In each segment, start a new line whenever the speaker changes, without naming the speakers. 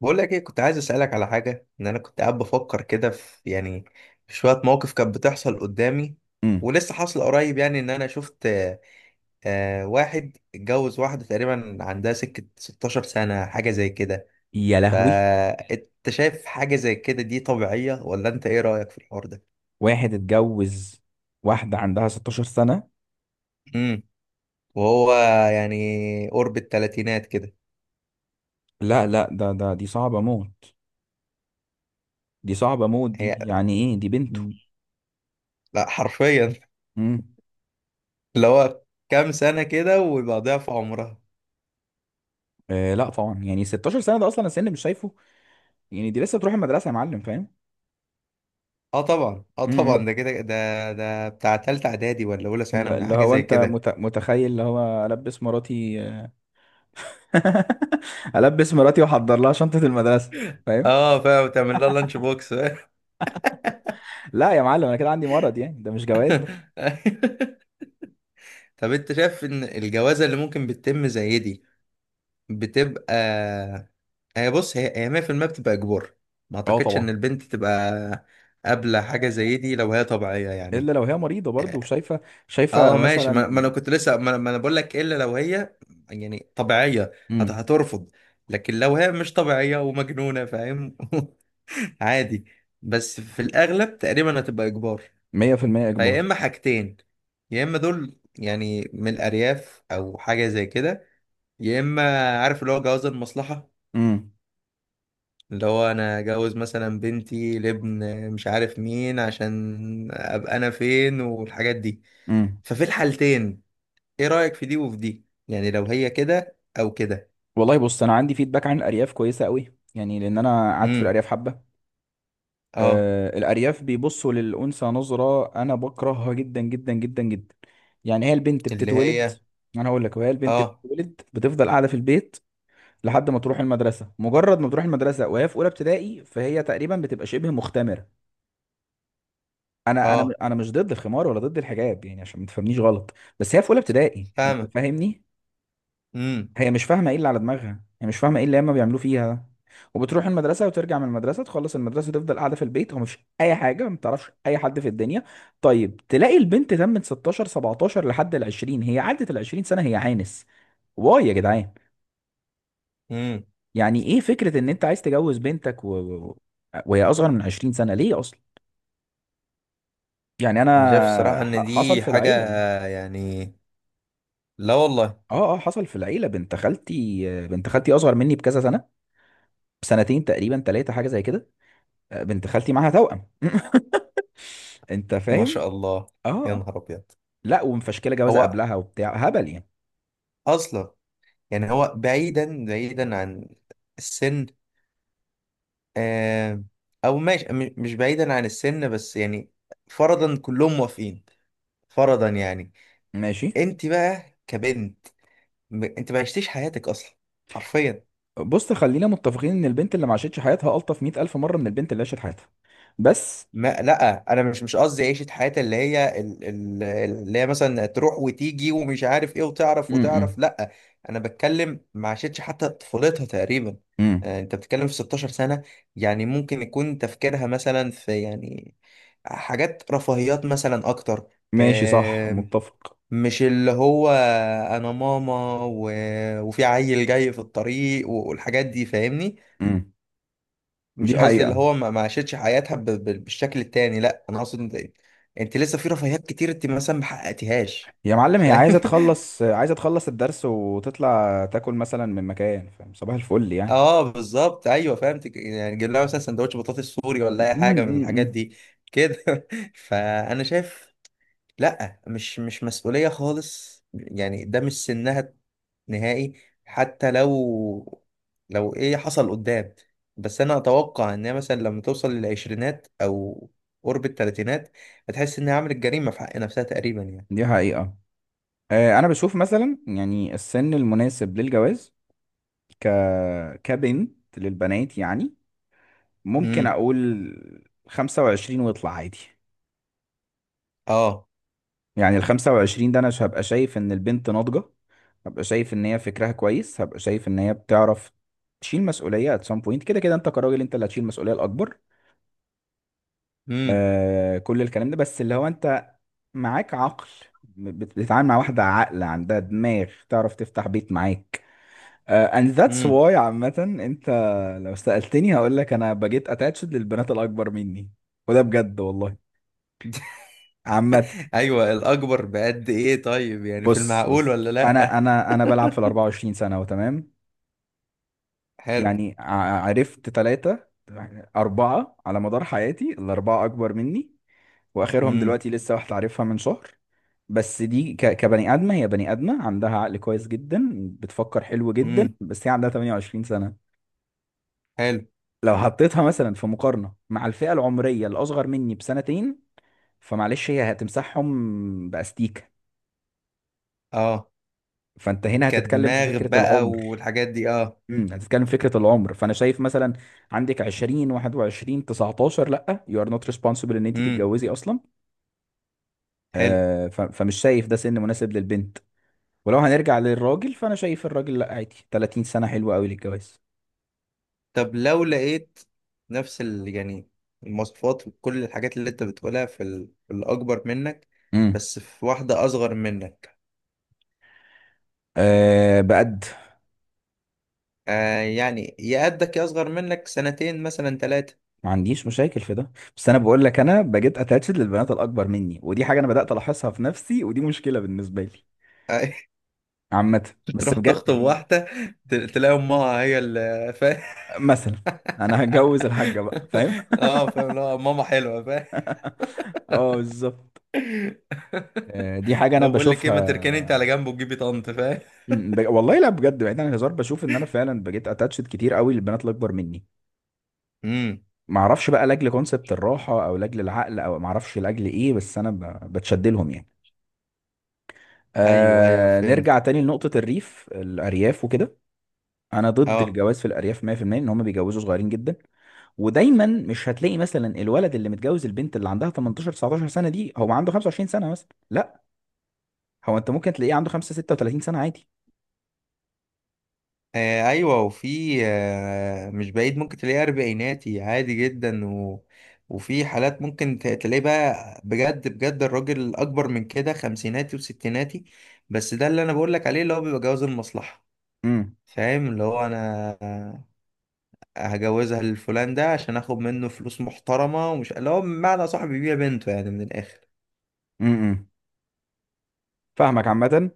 بقول لك ايه، كنت عايز اسالك على حاجه. ان انا كنت قاعد بفكر كده في، يعني، في شويه مواقف كانت بتحصل قدامي،
امم.
ولسه حاصل قريب. يعني ان انا شفت، واحد اتجوز واحده تقريبا عندها سكه 16 سنه، حاجه زي كده.
يا لهوي!
فانت شايف حاجه زي كده دي طبيعيه، ولا انت ايه رايك في الحوار ده؟
واحد اتجوز واحدة عندها 16 سنة.
امم. وهو، يعني، قرب الثلاثينات كده.
لا، لا، ده دي صعبة موت. دي صعبة موت،
هي؟
دي يعني ايه، دي بنته؟
لا، حرفيا.
امم.
اللي هو كام سنه كده ويبقى ضعف عمرها.
آه لا طبعا، يعني 16 سنة ده اصلا السن مش شايفه، يعني دي لسه تروح المدرسة يا معلم، فاهم؟
اه طبعا، اه طبعا،
امم.
ده كده، ده بتاع تالتة اعدادي ولا اولى ثانوي،
اللي
حاجه
هو
زي
انت
كده.
متخيل اللي هو البس مراتي؟ البس مراتي واحضر لها شنطة المدرسة، فاهم؟
اه فاهم، تعمل لها لانش بوكس.
لا يا معلم، انا كده عندي مرض، يعني ده مش جواز ده.
طب، انت شايف ان الجوازه اللي ممكن بتتم زي دي بتبقى، هي بص، هي 100% بتبقى اجبار. ما
اه
اعتقدش ان
طبعا.
البنت تبقى قابله حاجه زي دي لو هي طبيعيه،
الا
يعني.
لو هي مريضة برضه وشايفة، شايفة
اه ماشي. ما انا
مثلا.
كنت لسه، ما انا بقول لك الا لو هي، يعني، طبيعيه.
مم.
هترفض. لكن لو هي مش طبيعيه ومجنونه، فاهم. عادي. بس في الأغلب تقريبا هتبقى إجبار.
مية في المية
فيا
إجبار.
إما حاجتين: يا إما دول، يعني، من الأرياف أو حاجة زي كده، يا إما، عارف، اللي هو جواز المصلحة،
امم،
اللي هو أنا أجوز مثلا بنتي لابن مش عارف مين، عشان أبقى أنا فين، والحاجات دي.
امم.
ففي الحالتين، إيه رأيك في دي وفي دي، يعني لو هي كده أو كده؟
والله بص، أنا عندي فيدباك عن الأرياف كويسة قوي، يعني لأن أنا قعدت في
امم.
الأرياف حبة.
اه.
آه، الأرياف بيبصوا للأنثى نظرة أنا بكرهها جدا جدا جدا جدا. يعني هي البنت
اللي
بتتولد،
هي.
أنا هقول لك، وهي البنت
اه،
بتتولد بتفضل قاعدة في البيت لحد ما تروح المدرسة. مجرد ما تروح المدرسة وهي في أولى ابتدائي فهي تقريبا بتبقى شبه مختمرة. أنا أنا
اه.
أنا مش ضد الخمار ولا ضد الحجاب، يعني عشان ما تفهمنيش غلط. بس هي في أولى ابتدائي، أنت
فاهمة.
فاهمني.
امم،
هي مش فاهمه ايه اللي على دماغها، هي مش فاهمه ايه اللي هما بيعملوه فيها ده. وبتروح المدرسه وترجع من المدرسه، تخلص المدرسه تفضل قاعده في البيت ومش اي حاجه، ما بتعرفش اي حد في الدنيا. طيب تلاقي البنت تمت 16، 17، لحد ال 20، هي عدت ال 20 سنه هي عانس. واي يا جدعان!
امم.
يعني ايه فكره ان انت عايز تجوز بنتك وهي اصغر من 20 سنه؟ ليه اصلا؟ يعني
انا شايف الصراحة
انا
ان
حصل
دي
في
حاجة،
العيله.
يعني، لا والله.
اه، اه، حصل في العيله، بنت خالتي اصغر مني بكذا سنه، بسنتين تقريبا، ثلاثه، حاجه زي كده. بنت خالتي معاها توأم. انت
ما
فاهم؟
شاء الله.
اه.
يا
آه.
نهار ابيض.
لا ومفشكله جوازه
هو
قبلها وبتاع هبل يعني.
اصلا، يعني، هو بعيدا بعيدا عن السن. آه. او ماشي، مش بعيدا عن السن، بس يعني، فرضا كلهم موافقين، فرضا يعني.
ماشي.
انت بقى كبنت، انت ما عشتيش حياتك اصلا، حرفيا.
بص، خلينا متفقين ان البنت اللي ما عاشتش حياتها الطف 100 الف مره من البنت اللي عاشت حياتها. بس.
ما لا، انا مش قصدي عيشه حياه اللي هي، اللي هي مثلا تروح وتيجي ومش عارف ايه، وتعرف وتعرف،
امم،
لا. انا بتكلم ما عاشتش حتى طفولتها تقريبا.
امم.
انت بتتكلم في 16 سنه. يعني ممكن يكون تفكيرها مثلا في، يعني، حاجات رفاهيات مثلا اكتر.
ماشي، صح،
آه،
متفق.
مش اللي هو انا ماما، وفي عيل جاي في الطريق والحاجات دي، فاهمني.
امم.
مش
دي
قصدي اللي
حقيقه.
هو ما عاشتش حياتها بالشكل التاني. لا، انا اقصد انت لسه في رفاهيات كتير انت مثلا ما حققتيهاش،
يا معلم، هي
فاهم.
عايزه تخلص عايزه تخلص الدرس وتطلع تاكل مثلا من مكان، فاهم، صباح الفل يعني.
اه بالظبط، ايوه فهمت. يعني جيب لها مثلا سندوتش بطاطس سوري ولا اي حاجه من
امم.
الحاجات دي، كده. فانا شايف، لا، مش مسؤولية خالص، يعني ده مش سنها نهائي. حتى لو ايه حصل قدام. بس انا اتوقع ان هي مثلا لما توصل للعشرينات او قرب التلاتينات، هتحس انها عملت جريمة في حق نفسها تقريبا، يعني.
دي حقيقه. آه، انا بشوف مثلا يعني السن المناسب للجواز، ك كبنت للبنات يعني، ممكن
امم.
اقول 25 واطلع عادي.
اه.
يعني ال 25 ده انا هبقى شايف ان البنت ناضجة، هبقى شايف ان هي فكرها كويس، هبقى شايف ان هي بتعرف تشيل مسؤولية at some point. كده كده انت كراجل، انت اللي هتشيل المسؤولية الاكبر.
امم،
آه، كل الكلام ده، بس اللي هو انت معاك عقل، بتتعامل مع واحدة عاقلة عندها دماغ، تعرف تفتح بيت معاك. آه، and that's
امم.
why عامة. انت لو سألتني هقول لك انا بقيت attached للبنات الاكبر مني، وده بجد والله. عامة.
ايوه. الاكبر بقد ايه طيب، يعني في
بص،
المعقول
بص،
ولا لا؟
انا بلعب في ال 24 سنة وتمام.
حلو.
يعني عرفت ثلاثة أربعة على مدار حياتي، الأربعة أكبر مني، وآخرهم
امم،
دلوقتي لسه واحدة عارفها من شهر. بس دي كبني آدمة، هي بني آدمة عندها عقل كويس جدا، بتفكر حلو جدا،
امم.
بس هي عندها 28 سنة.
حلو،
لو حطيتها مثلا في مقارنة مع الفئة العمرية الأصغر مني بسنتين، فمعلش هي هتمسحهم بأستيكة.
اه،
فأنت هنا هتتكلم في
كدماغ
فكرة
بقى
العمر.
والحاجات دي، اه.
امم، هتتكلم في فكرة العمر، فأنا شايف مثلا عندك 20، 21، 19، لأ، you are not responsible إن أنت
امم.
تتجوزي أصلا.
حلو.
آه، فمش شايف ده سن مناسب للبنت. ولو هنرجع للراجل فأنا شايف الراجل لأ، عادي 30 سنة حلوة أوي للجواز.
طب لو لقيت نفس، ال... يعني، المواصفات وكل الحاجات اللي انت بتقولها في الأكبر منك،
امم.
بس في واحدة أصغر منك.
آه، بقد.
آه، يعني، يا قدك يا أصغر منك سنتين مثلا ثلاثة.
ما عنديش مشاكل في ده. بس انا بقول لك انا بقيت اتاتشد للبنات الاكبر مني، ودي حاجه انا بدات الاحظها في نفسي، ودي مشكله بالنسبه لي.
آه.
عامه. بس
تروح
بجد
تخطب
دي.
واحدة، تلاقي أمها هي اللي، فاهم.
مثلا انا هتجوز الحاجه بقى، فاهم؟
اه فاهم. لا، ماما حلوة، فاهم.
اه، بالظبط. آه، دي حاجه انا
لو بقول لك ايه، ما تركني انت
بشوفها.
على جنب وتجيبي طنط، فاهم.
والله لا بجد، بعيد عن الهزار، بشوف ان انا فعلا بقيت اتاتشد كتير قوي للبنات الاكبر مني.
امم.
ما اعرفش بقى لاجل كونسبت الراحه او لاجل العقل او ما اعرفش لاجل ايه، بس انا بتشد لهم يعني.
ايوه، ايوه،
آه، نرجع
فهمت.
تاني لنقطه الارياف وكده. انا ضد
اه.
الجواز في الارياف 100%، ان هم بيجوزوا صغيرين جدا. ودايما مش هتلاقي مثلا الولد اللي متجوز البنت اللي عندها 18، 19 سنه دي هو عنده 25 سنه مثلا، لا، هو انت ممكن تلاقيه عنده 5 36 سنه عادي.
ايوه، وفي مش بعيد ممكن تلاقيه اربعيناتي عادي جدا وفي حالات ممكن تلاقيه بقى، بجد بجد، الراجل اكبر من كده، خمسيناتي وستيناتي. بس ده اللي انا بقول لك عليه، اللي هو بيبقى جواز المصلحه.
امم،
فاهم، اللي هو انا هجوزها للفلان ده عشان اخد منه فلوس محترمه، ومش اللي هو بمعنى صاحبي بيبيع بنته يعني، من الاخر.
امم. امم. فاهمك عامه.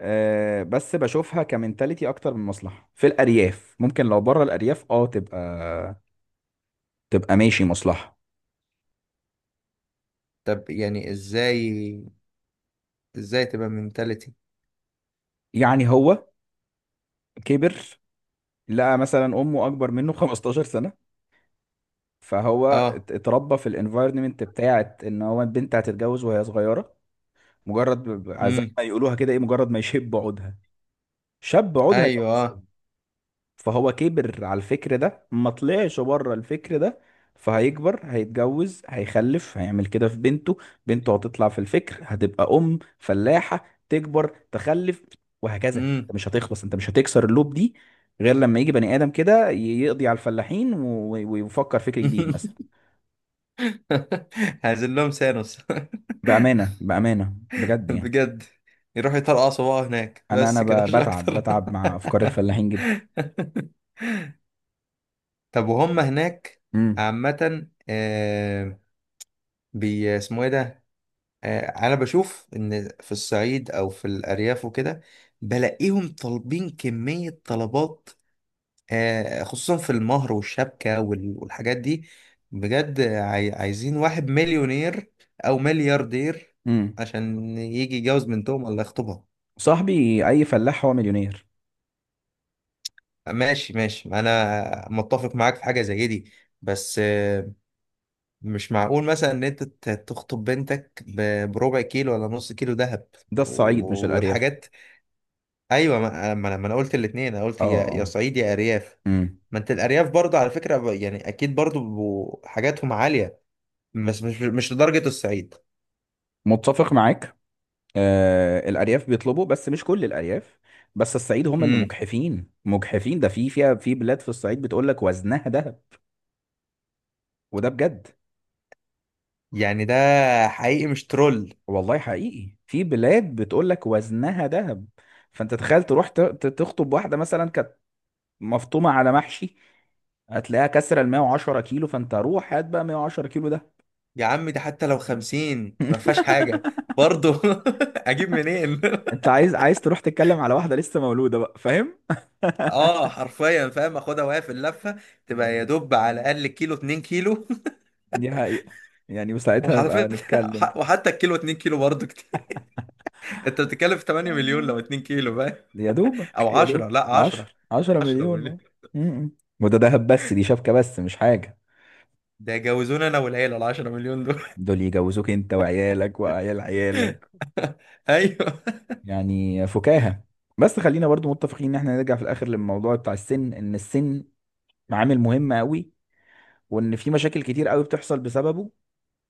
أه، بس بشوفها كمنتاليتي اكتر من مصلحه، في الارياف ممكن، لو بره الارياف اه تبقى ماشي مصلحه.
طب يعني ازاي؟ ازاي تبقى منتاليتي؟
يعني هو كبر لقى مثلا امه اكبر منه 15 سنه، فهو
اه.
اتربى في الانفايرمنت بتاعت ان هو البنت هتتجوز وهي صغيره. مجرد زي
امم.
ما يقولوها كده ايه، مجرد ما يشب عودها، شاب عودها
ايوه،
جوزوه.
اه.
فهو كبر على الفكر ده، ما طلعش بره الفكر ده. فهيكبر هيتجوز هيخلف، هيعمل كده في بنته. بنته هتطلع في الفكر، هتبقى ام فلاحه تكبر تخلف. وهكذا. انت
امم.
مش هتخلص، انت مش هتكسر اللوب دي، غير لما يجي بني ادم كده يقضي على الفلاحين ويفكر فكر جديد مثلا.
هنزل لهم سانوس.
بأمانة، بأمانة، بجد يعني.
بجد. يروحوا يطرقعوا صباعه هناك،
أنا
بس كده مش
بتعب
اكتر.
بتعب مع أفكار الفلاحين جدا.
طب وهم هناك.
امم،
عامة، اسمه ايه ده؟ انا بشوف ان في الصعيد او في الارياف وكده، بلاقيهم طالبين كمية طلبات. خصوصا في المهر والشبكة والحاجات دي. بجد، عايزين واحد مليونير أو ملياردير
امم.
عشان يجي يتجوز بنتهم ولا يخطبها.
صاحبي، أي فلاح هو مليونير.
ماشي، ماشي، أنا متفق معاك في حاجة زي دي. بس مش معقول مثلا إن أنت تخطب بنتك بربع كيلو ولا نص كيلو ذهب
ده الصعيد مش الأرياف.
والحاجات. أيوة، ما أنا قلت الاتنين، أنا
اه،
قلت يا
اه.
صعيد يا أرياف.
امم.
ما أنت الأرياف برضه على فكرة، يعني، أكيد برضه بيبقوا حاجاتهم عالية، بس مش لدرجة الصعيد.
متفق معاك. آه، الأرياف بيطلبوا بس مش كل الأرياف. بس الصعيد هم اللي
امم.
مجحفين مجحفين، ده فيها في بلاد في الصعيد بتقول لك وزنها ذهب. وده بجد،
يعني ده حقيقي مش ترول؟
والله حقيقي في بلاد بتقول لك وزنها ذهب. فأنت تخيل تروح تخطب واحدة مثلا كانت مفطومه على محشي، هتلاقيها كسر ال 110 كيلو، فانت روح هات بقى 110 كيلو ده.
يا عم ده حتى لو خمسين ما فيهاش حاجة، برضه. اجيب منين؟
انت عايز تروح تتكلم على واحده لسه مولوده بقى، فاهم؟
اه حرفيا، فاهم، اخدها وهي في اللفة، تبقى يا دوب على الاقل كيلو، اتنين كيلو.
دي حقيقه. يعني وساعتها
وعلى
يبقى
فكرة،
نتكلم.
وحتى الكيلو اتنين كيلو برضه كتير. انت بتتكلم في 8 مليون لو
آه.
اتنين كيلو، فاهم.
يا دوبك،
او
يا
10،
دوبك
لا، 10
10
10
مليون
مليون.
اه. م-م. وده دهب بس، دي شبكه بس مش حاجه.
ده يجوزونا انا والعيلة ال 10 مليون دول.
دول يجوزوك انت وعيالك وعيال عيالك،
ايوه
يعني فكاهه. بس خلينا برضو متفقين ان احنا نرجع في الاخر للموضوع بتاع السن، ان السن عامل مهم قوي، وان في مشاكل كتير قوي بتحصل بسببه.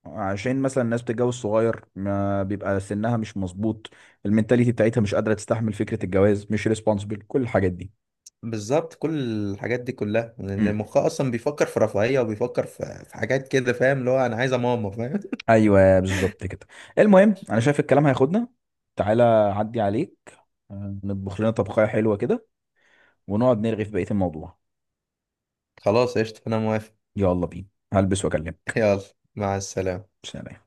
عشان مثلا الناس بتتجوز صغير، ما بيبقى سنها مش مظبوط، المنتاليتي بتاعتها مش قادره تستحمل فكره الجواز، مش ريسبونسبل كل الحاجات دي.
بالظبط. كل الحاجات دي كلها لان
امم.
مخها اصلا بيفكر في رفاهيه، وبيفكر في في حاجات كده، فاهم، اللي هو انا عايزه ماما، فاهم.
ايوه، بالظبط كده. المهم، انا شايف الكلام هياخدنا. تعالى عدي عليك، آه، نطبخ لنا طبخية حلوة كده ونقعد نرغي في بقية الموضوع.
خلاص، قشطه، انا موافق.
يلا بينا، هلبس واكلمك.
يلا. مع السلامه.
سلام.